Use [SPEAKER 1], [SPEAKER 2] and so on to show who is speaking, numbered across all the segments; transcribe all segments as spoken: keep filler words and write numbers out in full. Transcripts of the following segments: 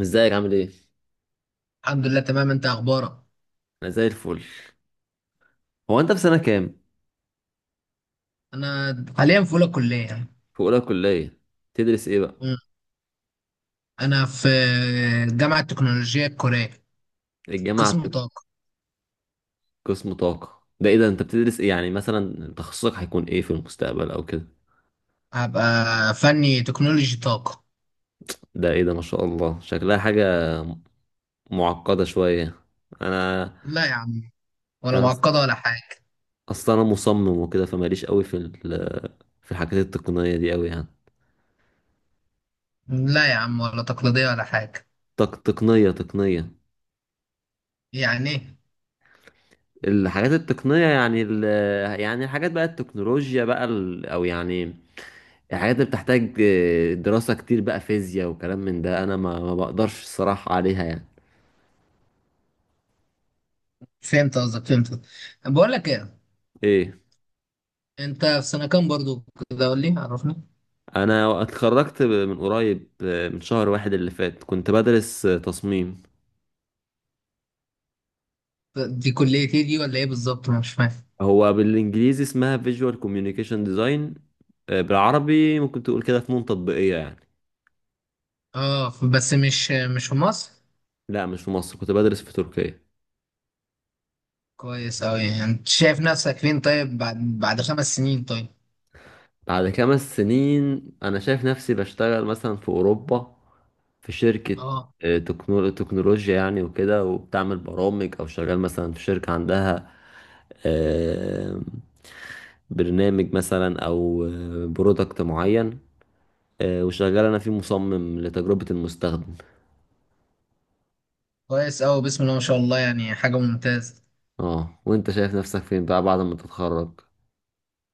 [SPEAKER 1] ازيك عامل ايه؟
[SPEAKER 2] الحمد لله تمام، انت اخبارك؟
[SPEAKER 1] انا زي الفل. هو انت في سنة كام؟
[SPEAKER 2] انا حاليا في اولى كليه يعني.
[SPEAKER 1] في اولى كلية، تدرس ايه بقى؟
[SPEAKER 2] مم. انا في جامعه التكنولوجيا الكوريه،
[SPEAKER 1] الجامعة
[SPEAKER 2] قسم
[SPEAKER 1] عندك
[SPEAKER 2] طاقه.
[SPEAKER 1] قسم طاقة. ده ايه ده؟ انت بتدرس ايه، يعني مثلا تخصصك هيكون ايه في المستقبل او كده؟
[SPEAKER 2] هبقى فني تكنولوجي طاقه.
[SPEAKER 1] ده ايه ده؟ ما شاء الله شكلها حاجة معقدة شوية. انا
[SPEAKER 2] لا يا عم، ولا
[SPEAKER 1] انا
[SPEAKER 2] معقده ولا حاجه.
[SPEAKER 1] اصلا انا مصمم وكده، فماليش قوي في ال... في الحاجات التقنية دي قوي يعني.
[SPEAKER 2] لا يا عم، ولا تقليديه ولا حاجه.
[SPEAKER 1] تق... تقنية تقنية.
[SPEAKER 2] يعني ايه؟
[SPEAKER 1] الحاجات التقنية يعني ال... يعني الحاجات بقى التكنولوجيا بقى ال... او يعني الحاجات اللي بتحتاج آه، دراسة كتير بقى، فيزياء وكلام من ده. أنا ما, ما بقدرش الصراحة عليها يعني.
[SPEAKER 2] فهمت قصدك، فهمت قصدك. بقول لك ايه،
[SPEAKER 1] إيه؟
[SPEAKER 2] انت في سنه كام برضو؟ كده قول لي عرفني.
[SPEAKER 1] أنا اتخرجت من قريب، آه، من شهر واحد اللي فات، كنت بدرس آه، تصميم.
[SPEAKER 2] دي كليه ايه دي ولا ايه بالظبط؟ انا مش فاهم.
[SPEAKER 1] هو بالإنجليزي اسمها Visual Communication Design. آه، بالعربي ممكن تقول كده فنون تطبيقية يعني.
[SPEAKER 2] اه، ف- بس مش، مش في مصر؟
[SPEAKER 1] لا، مش في مصر، كنت بدرس في تركيا.
[SPEAKER 2] كويس اوي. يعني انت شايف نفسك فين طيب بعد بعد خمس سنين طيب؟
[SPEAKER 1] بعد خمس سنين انا شايف نفسي بشتغل مثلا في اوروبا، في شركة
[SPEAKER 2] اه،
[SPEAKER 1] آه، تكنو- تكنولوجيا يعني، وكده وبتعمل برامج، او شغال مثلا في شركة عندها آه، برنامج مثلا، او برودكت معين، آه، وشغال انا فيه مصمم لتجربة المستخدم.
[SPEAKER 2] كويس أوي، بسم الله ما شاء الله، يعني حاجة ممتازة.
[SPEAKER 1] اه، وانت شايف نفسك فين بقى بعد ما تتخرج؟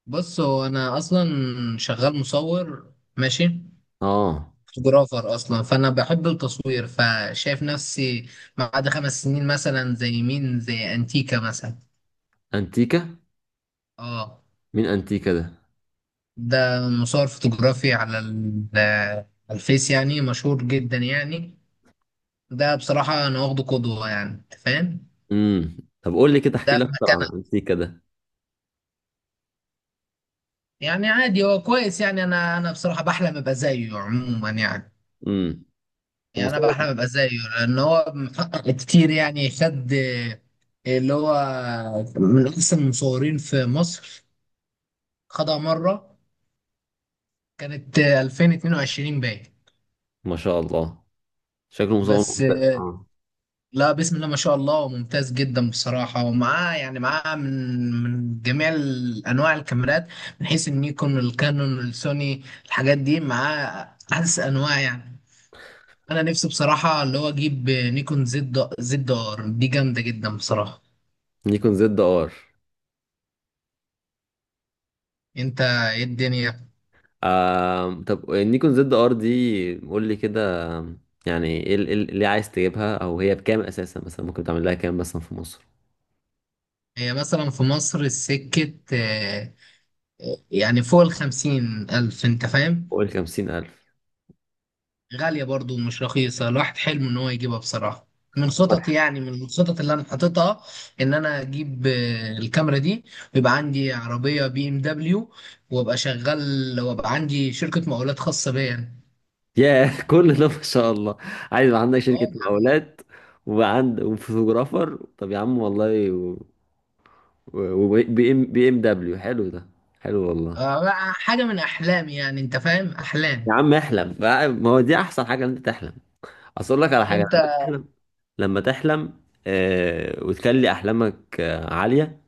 [SPEAKER 2] بص، هو أنا أصلا شغال مصور، ماشي،
[SPEAKER 1] اه،
[SPEAKER 2] فوتوغرافر أصلا، فأنا بحب التصوير، فشايف نفسي بعد خمس سنين مثلا زي مين، زي أنتيكا مثلا.
[SPEAKER 1] انتيكا؟
[SPEAKER 2] اه،
[SPEAKER 1] مين انتيكا ده؟
[SPEAKER 2] ده مصور فوتوغرافي على ال- على الفيس، يعني مشهور جدا يعني. ده بصراحة أنا واخده قدوة، يعني أنت فاهم.
[SPEAKER 1] امم طب قول لي كده، احكي
[SPEAKER 2] ده
[SPEAKER 1] لي
[SPEAKER 2] في
[SPEAKER 1] اكتر عن
[SPEAKER 2] مكانه
[SPEAKER 1] انتيكا ده.
[SPEAKER 2] يعني عادي، هو كويس يعني. أنا أنا بصراحة بحلم أبقى زيه عموما يعني.
[SPEAKER 1] امم
[SPEAKER 2] يعني انا بقى احنا ببقى زيه، لان هو محقق كتير يعني. خد آه، اللي هو من احسن المصورين في مصر، خدها مره، كانت آه، الفين واتنين وعشرين باين.
[SPEAKER 1] ما شاء الله، شكله مصور
[SPEAKER 2] بس
[SPEAKER 1] مختلف،
[SPEAKER 2] آه،
[SPEAKER 1] اه.
[SPEAKER 2] لا بسم الله ما شاء الله، وممتاز جدا بصراحه. ومعاه يعني، معاه من من جميع ال- انواع الكاميرات، من حيث النيكون الكانون السوني، الحاجات دي معاه احدث انواع يعني. انا نفسي بصراحه اللي هو اجيب آه، نيكون زد زد ار دي، جامده جدا بصراحه.
[SPEAKER 1] نيكون زد ار.
[SPEAKER 2] انت ايه الدنيا؟
[SPEAKER 1] آه. طب النيكون زد ار دي، قول لي كده يعني ايه ال- إيه ال- اللي عايز تجيبها، او هي بكام اساسا؟ مثلا ممكن تعمل لها كام مثلا في مصر؟
[SPEAKER 2] هي مثلا في مصر السكة آه، يعني فوق الخمسين ألف، انت فاهم.
[SPEAKER 1] قول خمسين ألف.
[SPEAKER 2] غالية برضو ومش رخيصة، الواحد حلمه ان هو يجيبها بصراحة. من خططي يعني، من الخطط اللي انا حاططها، ان انا اجيب آه، الكاميرا دي، ويبقى عندي عربية بي ام دبليو، وابقى شغال، وابقى عندي شركة مقاولات خاصة بيا يعني.
[SPEAKER 1] ياه، كل ده ما شاء الله! عايز يبقى عندك شركة
[SPEAKER 2] اه يعني،
[SPEAKER 1] مقاولات وعند وفوتوغرافر؟ طب يا عم والله. وبي ام بي ام دبليو حلو ده، حلو والله.
[SPEAKER 2] آه، حاجة من احلامي يعني، انت فاهم،
[SPEAKER 1] يا
[SPEAKER 2] احلام.
[SPEAKER 1] عم احلم بقى- ما هو دي احسن حاجة ان انت تحلم. اصل اقول لك على حاجه،
[SPEAKER 2] انت
[SPEAKER 1] لما تحلم لما تحلم، آه وتخلي احلامك آه عاليه،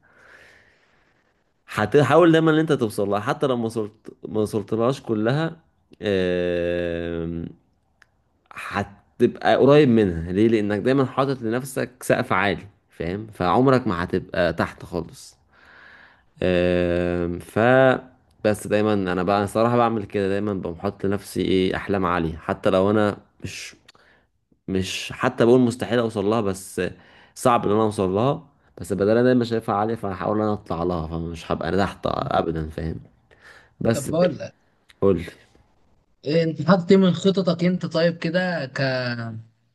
[SPEAKER 1] هتحاول دايما ان انت توصل لها. حتى لو ما وصلت ما وصلتلهاش كلها، آه هتبقى قريب منها. ليه؟ لانك دايما حاطط لنفسك سقف عالي، فاهم؟ فعمرك ما هتبقى تحت خالص. آه ف بس دايما انا بقى الصراحه بعمل كده، دايما بقوم حاطط لنفسي ايه، احلام عاليه. حتى لو انا مش مش حتى بقول مستحيل اوصل لها، بس صعب ان انا اوصل لها. بس بدل انا مش شايفها عاليه، فهحاول ان انا اطلع لها، فمش هبقى انا تحت ابدا، فاهم؟
[SPEAKER 2] طب
[SPEAKER 1] بس كده.
[SPEAKER 2] بقول،
[SPEAKER 1] قول لي.
[SPEAKER 2] إيه، انت حاطط ايه من خططك انت طيب كده، ك...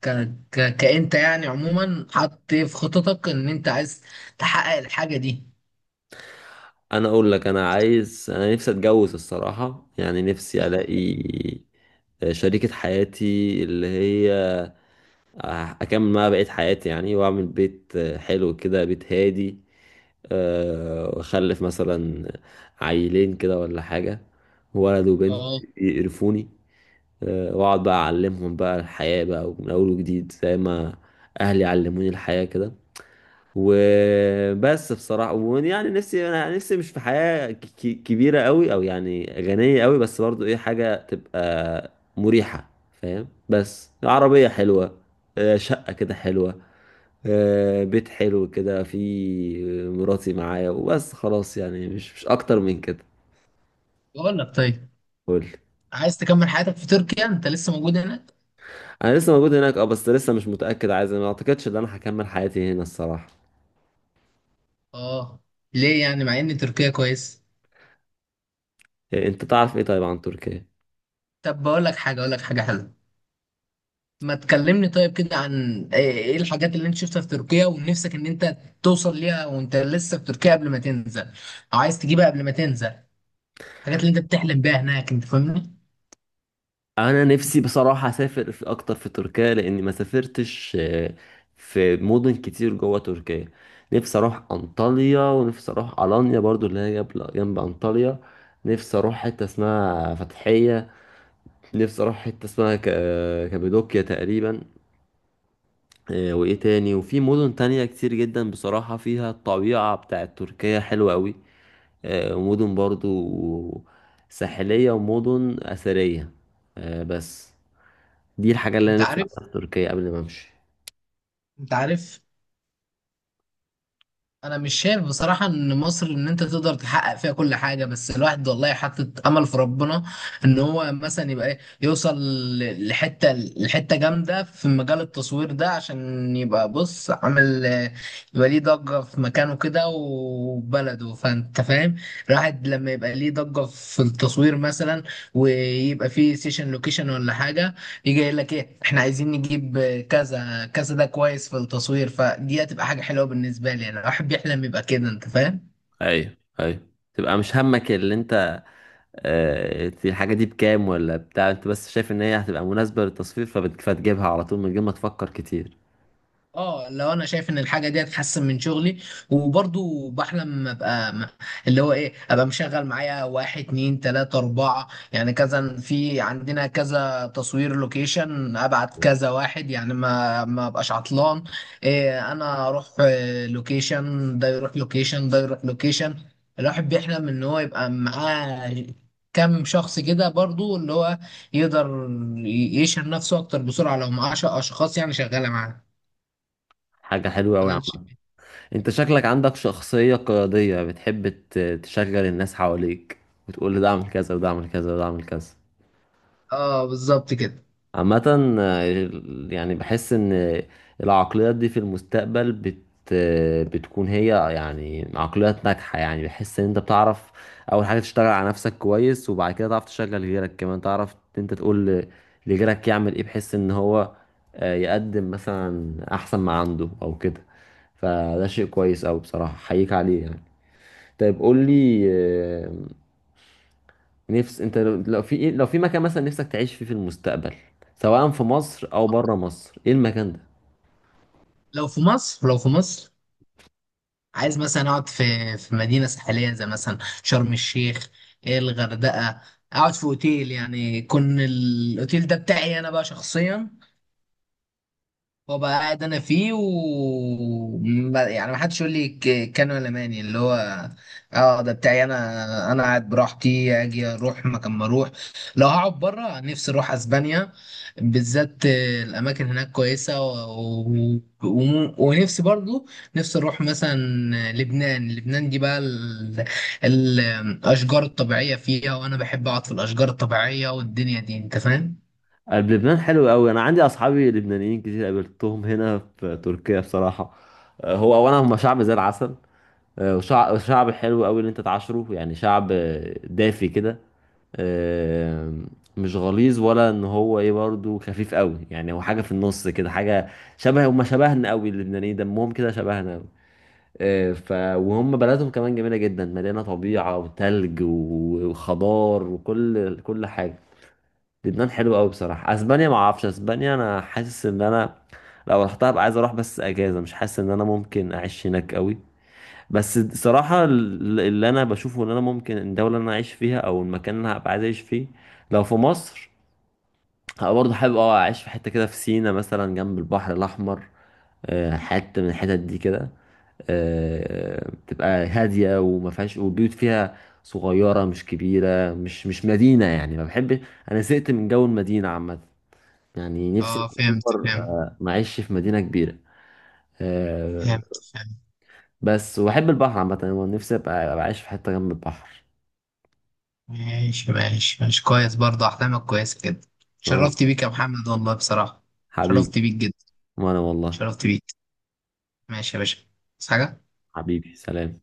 [SPEAKER 2] ك... ك... كأنت يعني عموما حاطط ايه في خططك ان انت عايز تحقق الحاجة دي؟
[SPEAKER 1] انا اقول لك، انا عايز انا نفسي اتجوز الصراحه يعني، نفسي الاقي شريكه حياتي، اللي هي اكمل معاها بقيه حياتي يعني، واعمل بيت حلو كده، بيت هادي. أه، واخلف مثلا عيلين كده ولا حاجه، ولد وبنت
[SPEAKER 2] اه،
[SPEAKER 1] يقرفوني. آه، واقعد بقى اعلمهم بقى الحياة بقى من اول وجديد، زي ما اهلي علموني الحياة كده. وبس بصراحة، ويعني نفسي، انا نفسي مش في حياة ك- ك- كبيرة قوي، او يعني غنية قوي، بس برضو ايه حاجة تبقى مريحة، فاهم؟ بس عربية حلوة، آه، شقة كده حلوة، آه، بيت حلو كده، في مراتي معايا وبس خلاص يعني، مش مش اكتر من كده.
[SPEAKER 2] بقول لك طيب،
[SPEAKER 1] قول.
[SPEAKER 2] عايز تكمل حياتك في تركيا؟ انت لسه موجود هناك؟
[SPEAKER 1] انا لسه موجود هناك، اه. بس لسه مش متاكد، عايز، ما اعتقدش ان انا هكمل حياتي هنا الصراحه.
[SPEAKER 2] اه، ليه يعني مع ان تركيا كويس؟
[SPEAKER 1] إيه، انت تعرف ايه طيب عن تركيا؟
[SPEAKER 2] طب بقول لك حاجة، اقول لك حاجة حلوة، ما تكلمني طيب كده عن ايه، ايه الحاجات اللي انت شفتها في تركيا ونفسك ان انت توصل ليها وانت لسه في تركيا قبل ما تنزل، او عايز تجيبها قبل ما تنزل؟ الحاجات اللي انت بتحلم بيها هناك، انت فاهمني.
[SPEAKER 1] انا نفسي بصراحه اسافر في اكتر في تركيا، لاني ما سافرتش آه، في مدن كتير جوه تركيا. نفسي اروح انطاليا، ونفسي اروح الانيا برضو، اللي هي جنب جنب انطاليا. نفسي اروح حته اسمها فتحيه، نفسي اروح حته اسمها ك- آه، كابادوكيا تقريبا. آه، وايه تاني؟ وفي مدن تانية كتير جدا بصراحه، فيها الطبيعه بتاعت تركيا حلوه قوي، آه، ومدن برضو ساحلية ومدن أثرية. آه، بس دي الحاجة اللي
[SPEAKER 2] انت
[SPEAKER 1] أنا نفسي
[SPEAKER 2] عارف،
[SPEAKER 1] أعملها في تركيا قبل ما أمشي.
[SPEAKER 2] انت عارف انا مش شايف بصراحة ان مصر ان انت تقدر تحقق فيها كل حاجة، بس الواحد والله حاطط امل في ربنا ان هو مثلا يبقى ايه، يوصل ل- لحتة لحتة جامدة في مجال التصوير ده، عشان يبقى بص عامل اه، يبقى ليه ضجة في مكانه كده وبلده، فانت فاهم. الواحد لما يبقى ليه ضجة في التصوير مثلا، ويبقى فيه سيشن لوكيشن ولا حاجة، يجي يقول لك ايه، احنا عايزين نجيب كذا كذا ده كويس في التصوير، فدي هتبقى حاجه حلوه بالنسبه لي انا. الواحد بيحلم يبقى كده، انت فاهم.
[SPEAKER 1] ايوه، ايوه. تبقى مش همك اللي أنت، آه، الحاجة دي بكام ولا بتاع، أنت بس شايف إن هي هتبقى مناسبة للتصوير، فبت- فتجيبها على طول، من غير ما تفكر كتير.
[SPEAKER 2] اه، لو انا شايف ان الحاجه دي هتحسن من شغلي، وبرضو بحلم ابقى م- اللي هو ايه، ابقى مشغل معايا واحد اتنين تلاته اربعه، يعني كذا في عندنا كذا تصوير لوكيشن، ابعت كذا واحد يعني، ما ما ابقاش عطلان. إيه، انا اروح آه، لوكيشن، ده يروح لوكيشن، ده يروح لوكيشن. الواحد بيحلم ان هو يبقى معاه كم شخص كده برضو، اللي هو يقدر ي- يشهر نفسه اكتر بسرعه لو معاه ش- اشخاص يعني شغاله معاه،
[SPEAKER 1] حاجة حلوة أوي يا
[SPEAKER 2] ولا نشيل.
[SPEAKER 1] عم. أنت شكلك عندك شخصية قيادية، بتحب ت- تشغل الناس حواليك، وتقول ده أعمل كذا، وده أعمل كذا، وده أعمل كذا.
[SPEAKER 2] اه بالظبط كده.
[SPEAKER 1] عامة آه، يعني بحس ان العقليات دي في المستقبل بت آه، بتكون هي يعني عقليات ناجحة. يعني بحس ان انت بتعرف اول حاجة تشتغل على نفسك كويس، وبعد كده تعرف تشغل غيرك كمان. تعرف إن انت تقول ل- لغيرك يعمل ايه، بحيث ان هو آه، يقدم مثلا احسن ما عنده او كده. فده شيء كويس اوي بصراحة، حقيقة عليه يعني. طيب قول لي آه، نفس انت، لو لو في ايه، لو في مكان مثلا نفسك تعيش فيه في المستقبل، سواء في مصر او بره مصر، ايه المكان ده؟
[SPEAKER 2] لو في مصر، لو في مصر، عايز مثلا اقعد في في مدينه ساحليه، زي مثلا شرم الشيخ، إيه الغردقه، اقعد في اوتيل، يعني يكون الاوتيل ده بتاعي انا بقى شخصيا، وابقى قاعد انا فيه و ب- يعني ما حدش يقول لي ك- كان ولا ماني اللي هو. اه، ده بتاعي انا، انا قاعد براحتي، اجي اروح مكان، ما اروح. لو هقعد بره، نفسي اروح اسبانيا بالذات. آه، الاماكن هناك كويسه و... و... و... ونفسي برضو، نفسي اروح مثلا لبنان. لبنان دي بقى ال... ال- الاشجار الطبيعيه فيها، وانا بحب اقعد في الاشجار الطبيعيه والدنيا دي، انت فاهم.
[SPEAKER 1] قلب لبنان حلو قوي. انا عندي اصحابي لبنانيين كتير قابلتهم هنا في تركيا بصراحه. آه، هو اولا هم شعب زي العسل. آه، وشع- وشعب حلو قوي اللي انت تعاشره يعني. شعب آه، دافي كده، آه، مش غليظ ولا ان هو ايه، برضو خفيف قوي يعني. هو حاجه في النص كده، حاجه شبه، هم شبهنا قوي. اللبنانيين دمهم كده شبهنا، آه، ف وهم بلدهم كمان جميله جدا، مليانه طبيعه وتلج و- وخضار، وكل كل حاجه. لبنان حلو قوي بصراحه. اسبانيا ما اعرفش، اسبانيا انا حاسس ان انا لو رحتها ابقى عايز اروح بس اجازه، مش حاسس ان انا ممكن اعيش هناك قوي. بس صراحه ال- اللي انا بشوفه ان انا ممكن، الدوله اللي انا اعيش فيها او المكان اللي انا هبقى عايز اعيش فيه، لو في مصر، هبقى برضه حابب اه اعيش في حته كده في سينا مثلا، جنب البحر الاحمر. آه، حته من الحتت دي كده، آه، بتبقى هادية وما فيهاش، والبيوت فيها صغيرة مش كبيرة، مش مش مدينة يعني. ما بحبش، أنا زهقت من جو المدينة عامة. يعني نفسي
[SPEAKER 2] اه فهمت
[SPEAKER 1] أكبر
[SPEAKER 2] فهمت.
[SPEAKER 1] آه، ما أعيش في مدينة كبيرة. آه،
[SPEAKER 2] فهمت فهمت.
[SPEAKER 1] بس وأحب البحر عامة. أنا نفسي أبقى، أبقى عايش في حتة جنب البحر.
[SPEAKER 2] ماشي ماشي ماشي، كويس برضه، أحلامك كويسة كده.
[SPEAKER 1] أه،
[SPEAKER 2] شرفت بيك يا محمد والله بصراحة.
[SPEAKER 1] حبيبي.
[SPEAKER 2] شرفت بيك جدا.
[SPEAKER 1] وأنا والله.
[SPEAKER 2] شرفت بيك. ماشي يا باشا، بس حاجة.
[SPEAKER 1] حبيبي، سلام.